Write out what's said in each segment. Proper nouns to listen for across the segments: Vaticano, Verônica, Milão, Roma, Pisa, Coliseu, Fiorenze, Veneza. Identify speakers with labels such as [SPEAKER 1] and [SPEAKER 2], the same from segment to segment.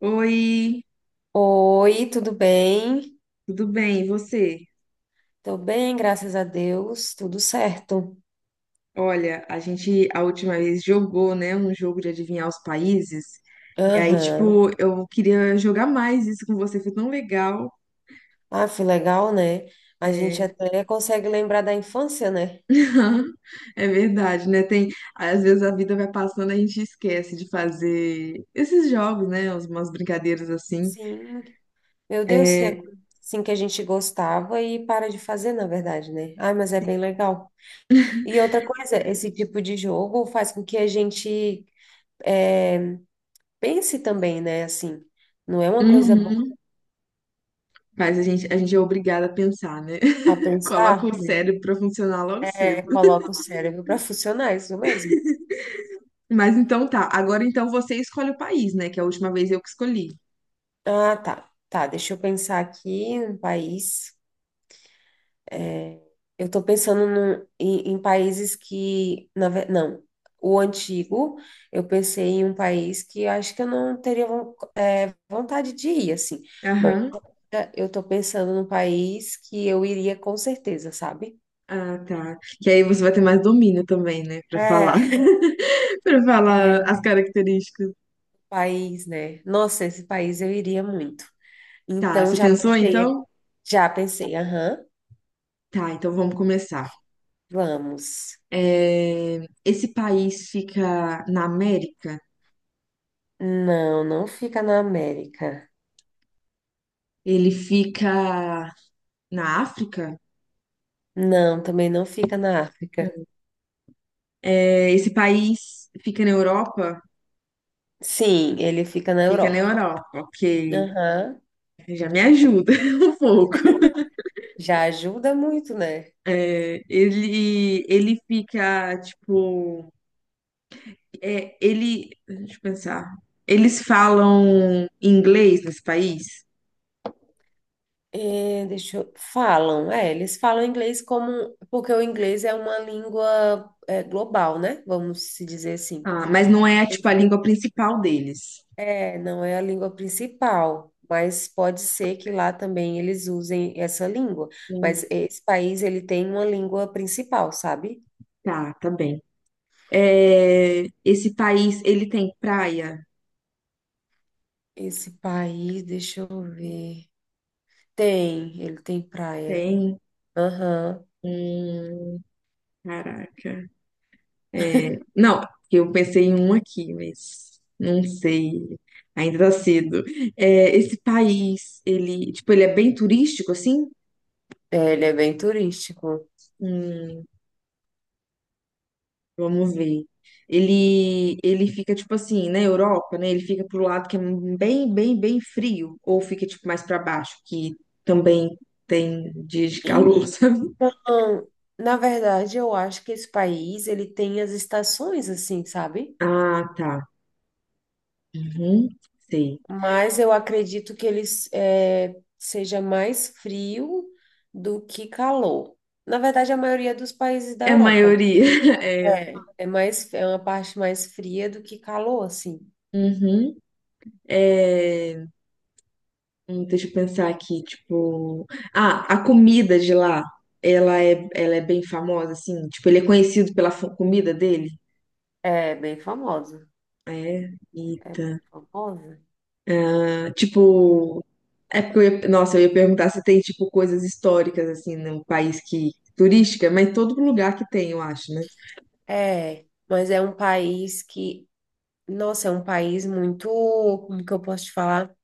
[SPEAKER 1] Oi,
[SPEAKER 2] Oi, tudo bem?
[SPEAKER 1] tudo bem? E você?
[SPEAKER 2] Tô bem, graças a Deus, tudo certo.
[SPEAKER 1] Olha, a gente a última vez jogou, né, um jogo de adivinhar os países. E aí,
[SPEAKER 2] Aham.
[SPEAKER 1] tipo, eu queria jogar mais isso com você, foi tão legal.
[SPEAKER 2] Ah, foi legal, né? A gente
[SPEAKER 1] É,
[SPEAKER 2] até consegue lembrar da infância, né?
[SPEAKER 1] é verdade, né? Tem, às vezes a vida vai passando, a gente esquece de fazer esses jogos, né? Umas brincadeiras assim.
[SPEAKER 2] Sim. Meu Deus, que é
[SPEAKER 1] É,
[SPEAKER 2] coisa assim que a gente gostava e para de fazer, na verdade, né? Ah, mas é bem legal. E outra coisa, esse tipo de jogo faz com que a gente eh, pense também, né? Assim, não é uma coisa boa
[SPEAKER 1] uhum. Mas a gente é obrigada a pensar, né?
[SPEAKER 2] a
[SPEAKER 1] Coloca
[SPEAKER 2] pensar,
[SPEAKER 1] o
[SPEAKER 2] né?
[SPEAKER 1] cérebro pra funcionar logo cedo.
[SPEAKER 2] É, coloca o cérebro para funcionar, isso mesmo.
[SPEAKER 1] Mas então tá. Agora então você escolhe o país, né? Que é a última vez eu que escolhi.
[SPEAKER 2] Ah, tá. Tá, deixa eu pensar aqui um país. Eu tô pensando no- em, em países que, não, o antigo, eu pensei em um país que eu acho que eu não vontade de ir, assim. Mas
[SPEAKER 1] Aham.
[SPEAKER 2] eu tô pensando num país que eu iria com certeza, sabe?
[SPEAKER 1] Ah, tá. Que aí você vai ter mais domínio também, né? Pra falar.
[SPEAKER 2] É,
[SPEAKER 1] Pra falar
[SPEAKER 2] é
[SPEAKER 1] as características.
[SPEAKER 2] País, né? Nossa, esse país eu iria muito.
[SPEAKER 1] Tá.
[SPEAKER 2] Então
[SPEAKER 1] Você
[SPEAKER 2] já
[SPEAKER 1] pensou
[SPEAKER 2] pensei, aqui-
[SPEAKER 1] então?
[SPEAKER 2] Já pensei, aham,
[SPEAKER 1] Tá. Então vamos começar.
[SPEAKER 2] vamos.
[SPEAKER 1] Esse país fica na América?
[SPEAKER 2] Não, não fica na América.
[SPEAKER 1] Ele fica na África?
[SPEAKER 2] Não, também não fica na África.
[SPEAKER 1] Esse país fica na Europa?
[SPEAKER 2] Sim, ele fica na
[SPEAKER 1] Fica na
[SPEAKER 2] Europa.
[SPEAKER 1] Europa, ok.
[SPEAKER 2] Aham.
[SPEAKER 1] Já me ajuda um pouco.
[SPEAKER 2] Já ajuda muito, né?
[SPEAKER 1] É, ele fica, tipo, é, ele, deixa eu pensar, eles falam inglês nesse país,
[SPEAKER 2] É, deixa eu... Falam, é, eles falam inglês como... Porque o inglês é uma língua é, global, né? Vamos se dizer assim.
[SPEAKER 1] ah, mas não é, tipo, a língua principal deles.
[SPEAKER 2] É, não é a língua principal, mas pode ser que lá também eles usem essa língua.
[SPEAKER 1] Hum,
[SPEAKER 2] Mas esse país, ele tem uma língua principal, sabe?
[SPEAKER 1] Tá, tá bem. É, esse país, ele tem praia?
[SPEAKER 2] Esse país, deixa eu ver. Tem, ele tem praia.
[SPEAKER 1] Tem.
[SPEAKER 2] Aham.
[SPEAKER 1] Hum, caraca. É, não, eu pensei em um aqui, mas não sei, ainda tá cedo. É, esse país, tipo, ele é bem turístico, assim?
[SPEAKER 2] É, ele é bem turístico.
[SPEAKER 1] Hum, vamos ver. Ele fica tipo assim, na Europa, né? Ele fica pro lado que é bem, bem frio, ou fica tipo mais para baixo, que também tem dias de calor, sabe?
[SPEAKER 2] Então, na verdade, eu acho que esse país, ele tem as estações, assim, sabe?
[SPEAKER 1] Ah, tá. Uhum, sei.
[SPEAKER 2] Mas eu acredito que ele seja mais frio do que calor. Na verdade, a maioria dos países da
[SPEAKER 1] É a
[SPEAKER 2] Europa.
[SPEAKER 1] maioria. É.
[SPEAKER 2] Né? Mais, é uma parte mais fria do que calor, assim.
[SPEAKER 1] Uhum. É, deixa eu pensar aqui, tipo, ah, a comida de lá, ela é bem famosa, assim, tipo, ele é conhecido pela comida dele.
[SPEAKER 2] É bem famosa.
[SPEAKER 1] É,
[SPEAKER 2] É bem
[SPEAKER 1] eita.
[SPEAKER 2] famosa.
[SPEAKER 1] Ah, tipo, é porque eu ia, nossa, eu ia perguntar se tem tipo coisas históricas assim no país que turística, mas todo lugar que tem, eu acho, né?
[SPEAKER 2] É, mas é um país que, nossa, é um país muito, como que eu posso te falar?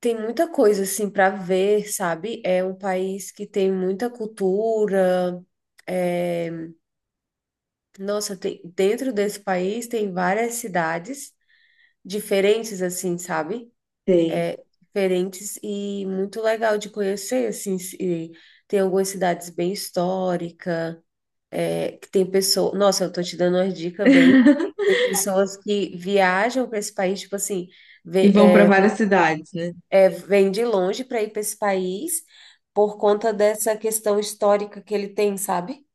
[SPEAKER 2] Tem muita coisa assim para ver, sabe? É um país que tem muita cultura. é, Nossa, tem... dentro desse país tem várias cidades diferentes, assim, sabe?
[SPEAKER 1] Tem.
[SPEAKER 2] Diferentes e muito legal de conhecer, assim. E tem algumas cidades bem históricas, é, que tem pessoas. Nossa, eu tô te dando uma dica bem. Tem pessoas que viajam para esse país, tipo assim,
[SPEAKER 1] E
[SPEAKER 2] vem,
[SPEAKER 1] vão para várias cidades, né?
[SPEAKER 2] vem de longe para ir para esse país por conta dessa questão histórica que ele tem, sabe?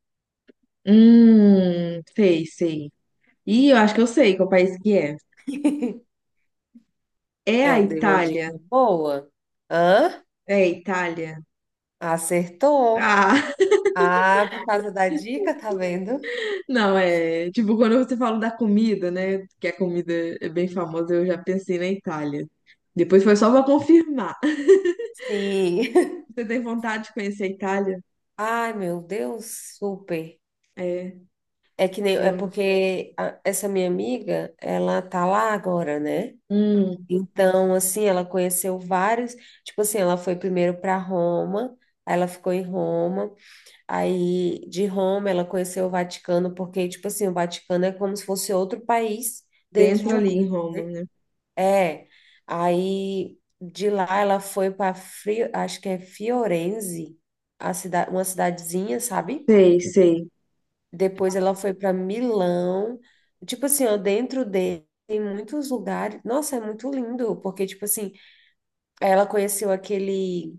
[SPEAKER 1] Sei. E eu acho que eu sei qual país que é. É a
[SPEAKER 2] Eu dei uma
[SPEAKER 1] Itália.
[SPEAKER 2] dica boa. Hã?
[SPEAKER 1] É a Itália.
[SPEAKER 2] Acertou.
[SPEAKER 1] Ah,
[SPEAKER 2] Ah, por causa da dica, tá vendo?
[SPEAKER 1] não, é. Tipo, quando você fala da comida, né? Que a comida é bem famosa, eu já pensei na Itália. Depois foi só pra confirmar.
[SPEAKER 2] Sim.
[SPEAKER 1] Você tem vontade de conhecer a Itália?
[SPEAKER 2] Ai, meu Deus, super.
[SPEAKER 1] É.
[SPEAKER 2] É que nem, é
[SPEAKER 1] Eu-
[SPEAKER 2] porque essa minha amiga, ela tá lá agora, né?
[SPEAKER 1] hum,
[SPEAKER 2] Então, assim, ela conheceu vários, tipo assim, ela foi primeiro para Roma, aí ela ficou em Roma, aí de Roma ela conheceu o Vaticano, porque, tipo assim, o Vaticano é como se fosse outro país dentro
[SPEAKER 1] dentro
[SPEAKER 2] de um
[SPEAKER 1] ali
[SPEAKER 2] país,
[SPEAKER 1] em Roma,
[SPEAKER 2] né?
[SPEAKER 1] né?
[SPEAKER 2] É. Aí de lá ela foi para acho que é Fiorenze, uma cidadezinha, sabe?
[SPEAKER 1] Sei, sei.
[SPEAKER 2] Depois ela foi para Milão. Tipo assim, ó, dentro dele tem muitos lugares. Nossa, é muito lindo, porque, tipo assim, ela conheceu aquele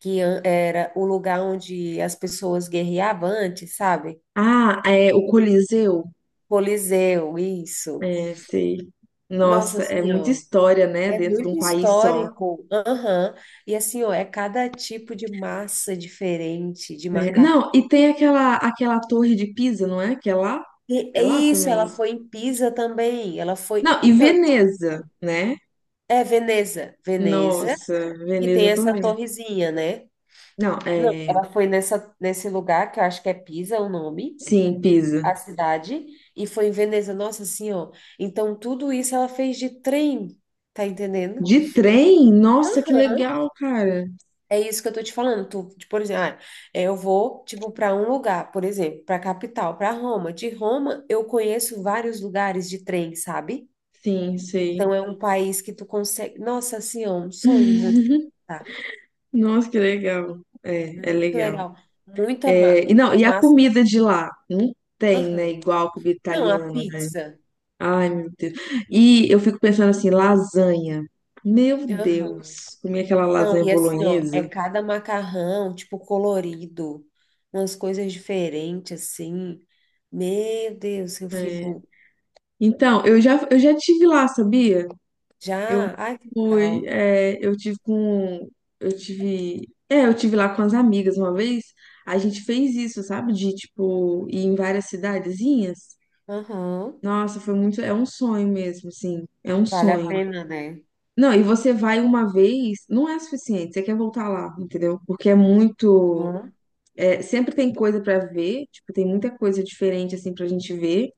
[SPEAKER 2] era o lugar onde as pessoas guerreavam antes, sabe?
[SPEAKER 1] Ah, é o Coliseu.
[SPEAKER 2] Coliseu, isso.
[SPEAKER 1] É, sei.
[SPEAKER 2] Nossa
[SPEAKER 1] Nossa, é muita
[SPEAKER 2] Senhora,
[SPEAKER 1] história, né?
[SPEAKER 2] é
[SPEAKER 1] Dentro de
[SPEAKER 2] muito
[SPEAKER 1] um país só.
[SPEAKER 2] histórico. Aham. E assim, ó, é cada tipo de massa diferente de
[SPEAKER 1] Né?
[SPEAKER 2] macarrão.
[SPEAKER 1] Não, e tem aquela torre de Pisa, não é? Que é lá?
[SPEAKER 2] E
[SPEAKER 1] É
[SPEAKER 2] é
[SPEAKER 1] lá
[SPEAKER 2] isso, ela
[SPEAKER 1] também.
[SPEAKER 2] foi em Pisa também. Ela foi.
[SPEAKER 1] Não, e
[SPEAKER 2] Então,
[SPEAKER 1] Veneza, né?
[SPEAKER 2] é Veneza. Veneza,
[SPEAKER 1] Nossa,
[SPEAKER 2] que tem
[SPEAKER 1] Veneza
[SPEAKER 2] essa
[SPEAKER 1] também.
[SPEAKER 2] torrezinha, né?
[SPEAKER 1] Não,
[SPEAKER 2] Não,
[SPEAKER 1] é.
[SPEAKER 2] ela foi nessa, nesse lugar, que eu acho que é Pisa o nome,
[SPEAKER 1] Sim, Pisa.
[SPEAKER 2] a cidade, e foi em Veneza. Nossa Senhora. Então, tudo isso ela fez de trem, tá entendendo?
[SPEAKER 1] De trem? Nossa, que
[SPEAKER 2] Aham.
[SPEAKER 1] legal, cara.
[SPEAKER 2] É isso que eu tô te falando. Tu, tipo, por exemplo, ah, é, eu vou, tipo, para um lugar, por exemplo, para capital, para Roma. De Roma, eu conheço vários lugares de trem, sabe?
[SPEAKER 1] Sim, sei.
[SPEAKER 2] Então, é um país que tu consegue. Nossa, assim, é um sonho muito. Tá,
[SPEAKER 1] Nossa, que legal. É, é
[SPEAKER 2] muito
[SPEAKER 1] legal.
[SPEAKER 2] legal. Muita, ma...
[SPEAKER 1] É, e não,
[SPEAKER 2] muita
[SPEAKER 1] e a
[SPEAKER 2] massa.
[SPEAKER 1] comida de lá? Não tem, né?
[SPEAKER 2] Aham.
[SPEAKER 1] Igual a comida
[SPEAKER 2] Não, a
[SPEAKER 1] italiana, né?
[SPEAKER 2] pizza.
[SPEAKER 1] Ai, meu Deus. E eu fico pensando assim, lasanha. Meu
[SPEAKER 2] Aham.
[SPEAKER 1] Deus, comi aquela
[SPEAKER 2] Não,
[SPEAKER 1] lasanha
[SPEAKER 2] e assim, ó, é
[SPEAKER 1] bolonhesa.
[SPEAKER 2] cada macarrão, tipo, colorido, umas coisas diferentes, assim. Meu Deus, eu
[SPEAKER 1] É.
[SPEAKER 2] fico
[SPEAKER 1] Então, eu já tive lá, sabia? Eu
[SPEAKER 2] já. Ai, que
[SPEAKER 1] fui,
[SPEAKER 2] legal.
[SPEAKER 1] é, eu tive lá com as amigas uma vez. A gente fez isso, sabe? De, tipo, ir em várias cidadezinhas.
[SPEAKER 2] Aham.
[SPEAKER 1] Nossa, foi muito, é um sonho mesmo, assim, é um
[SPEAKER 2] Vale a
[SPEAKER 1] sonho.
[SPEAKER 2] pena, né?
[SPEAKER 1] Não, e você vai uma vez, não é suficiente, você quer voltar lá, entendeu? Porque é muito,
[SPEAKER 2] Hum?
[SPEAKER 1] é, sempre tem coisa pra ver, tipo, tem muita coisa diferente assim pra gente ver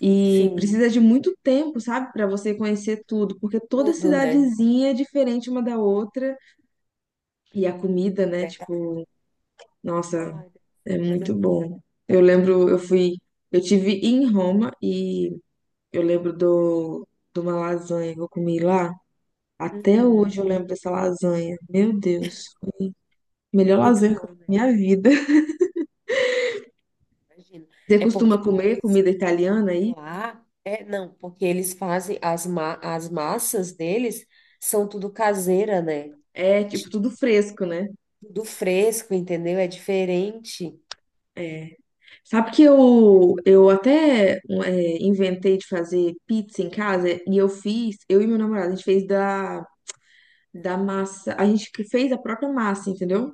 [SPEAKER 1] e
[SPEAKER 2] Sim,
[SPEAKER 1] precisa de muito tempo, sabe, pra você conhecer tudo, porque toda
[SPEAKER 2] tudo, né?
[SPEAKER 1] cidadezinha é diferente uma da outra e a comida, né,
[SPEAKER 2] Verdade.
[SPEAKER 1] tipo, nossa,
[SPEAKER 2] Ai, deve
[SPEAKER 1] é
[SPEAKER 2] ser coisa
[SPEAKER 1] muito
[SPEAKER 2] mais.
[SPEAKER 1] bom. Eu lembro, eu fui, eu tive em Roma e eu lembro do de uma lasanha que eu comi lá. Até hoje
[SPEAKER 2] Uhum.
[SPEAKER 1] eu lembro dessa lasanha. Meu Deus. Melhor
[SPEAKER 2] Muito
[SPEAKER 1] lazer que eu
[SPEAKER 2] bom, né?
[SPEAKER 1] tenho na minha vida.
[SPEAKER 2] Imagina.
[SPEAKER 1] Você
[SPEAKER 2] É porque
[SPEAKER 1] costuma comer
[SPEAKER 2] eles,
[SPEAKER 1] comida italiana
[SPEAKER 2] porque
[SPEAKER 1] aí?
[SPEAKER 2] lá, é, não, porque eles fazem as massas deles são tudo caseira, né?
[SPEAKER 1] É, tipo,
[SPEAKER 2] Tipo,
[SPEAKER 1] tudo fresco, né?
[SPEAKER 2] tudo fresco, entendeu? É diferente.
[SPEAKER 1] É. Sabe que eu até um, é, inventei de fazer pizza em casa e eu fiz, eu e meu namorado, a gente fez da, da massa, a gente que fez a própria massa, entendeu?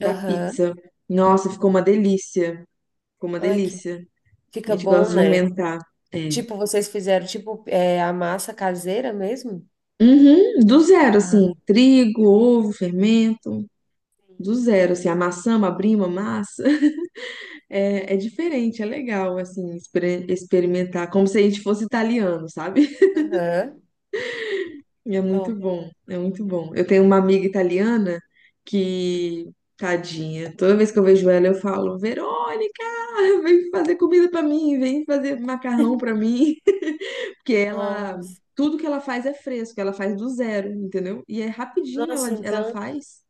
[SPEAKER 1] Da
[SPEAKER 2] Aham.
[SPEAKER 1] pizza. Nossa, ficou uma delícia. Ficou uma
[SPEAKER 2] Ai, que
[SPEAKER 1] delícia. A
[SPEAKER 2] fica
[SPEAKER 1] gente
[SPEAKER 2] bom,
[SPEAKER 1] gosta de
[SPEAKER 2] né?
[SPEAKER 1] inventar. É.
[SPEAKER 2] Tipo, vocês fizeram tipo é, a massa caseira mesmo?
[SPEAKER 1] Uhum, do zero,
[SPEAKER 2] Ah,
[SPEAKER 1] assim, trigo, ovo, fermento, do
[SPEAKER 2] sim.
[SPEAKER 1] zero, assim, amassamos, abrimos a massa. É, é diferente, é legal, assim, experimentar, como se a gente fosse italiano, sabe?
[SPEAKER 2] Aham.
[SPEAKER 1] E é muito
[SPEAKER 2] Top.
[SPEAKER 1] bom, é muito bom. Eu tenho uma amiga italiana que, tadinha, toda vez que eu vejo ela, eu falo, Verônica, vem fazer comida pra mim, vem fazer macarrão pra mim, porque ela,
[SPEAKER 2] Nossa,
[SPEAKER 1] tudo que ela faz é fresco, ela faz do zero, entendeu? E é rapidinho
[SPEAKER 2] nossa,
[SPEAKER 1] ela
[SPEAKER 2] então
[SPEAKER 1] faz,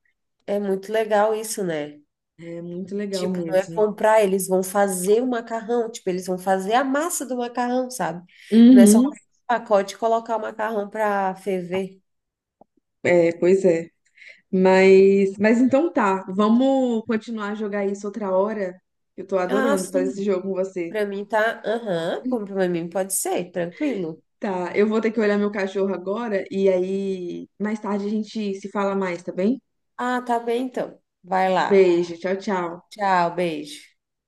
[SPEAKER 2] é muito legal isso, né?
[SPEAKER 1] é muito legal
[SPEAKER 2] Tipo, não é
[SPEAKER 1] mesmo.
[SPEAKER 2] comprar, eles vão fazer o macarrão, tipo, eles vão fazer a massa do macarrão, sabe? Não é só
[SPEAKER 1] Uhum,
[SPEAKER 2] pegar o pacote e colocar o macarrão para ferver.
[SPEAKER 1] é, pois é. Mas então tá, vamos continuar a jogar isso outra hora. Eu tô
[SPEAKER 2] Ah,
[SPEAKER 1] adorando fazer esse
[SPEAKER 2] sim.
[SPEAKER 1] jogo com você.
[SPEAKER 2] Para mim tá, aham, como para mim pode ser, tranquilo.
[SPEAKER 1] Tá, eu vou ter que olhar meu cachorro agora e aí mais tarde a gente se fala mais, tá bem?
[SPEAKER 2] Ah, tá bem então. Vai lá.
[SPEAKER 1] Beijo, tchau, tchau.
[SPEAKER 2] Tchau, beijo.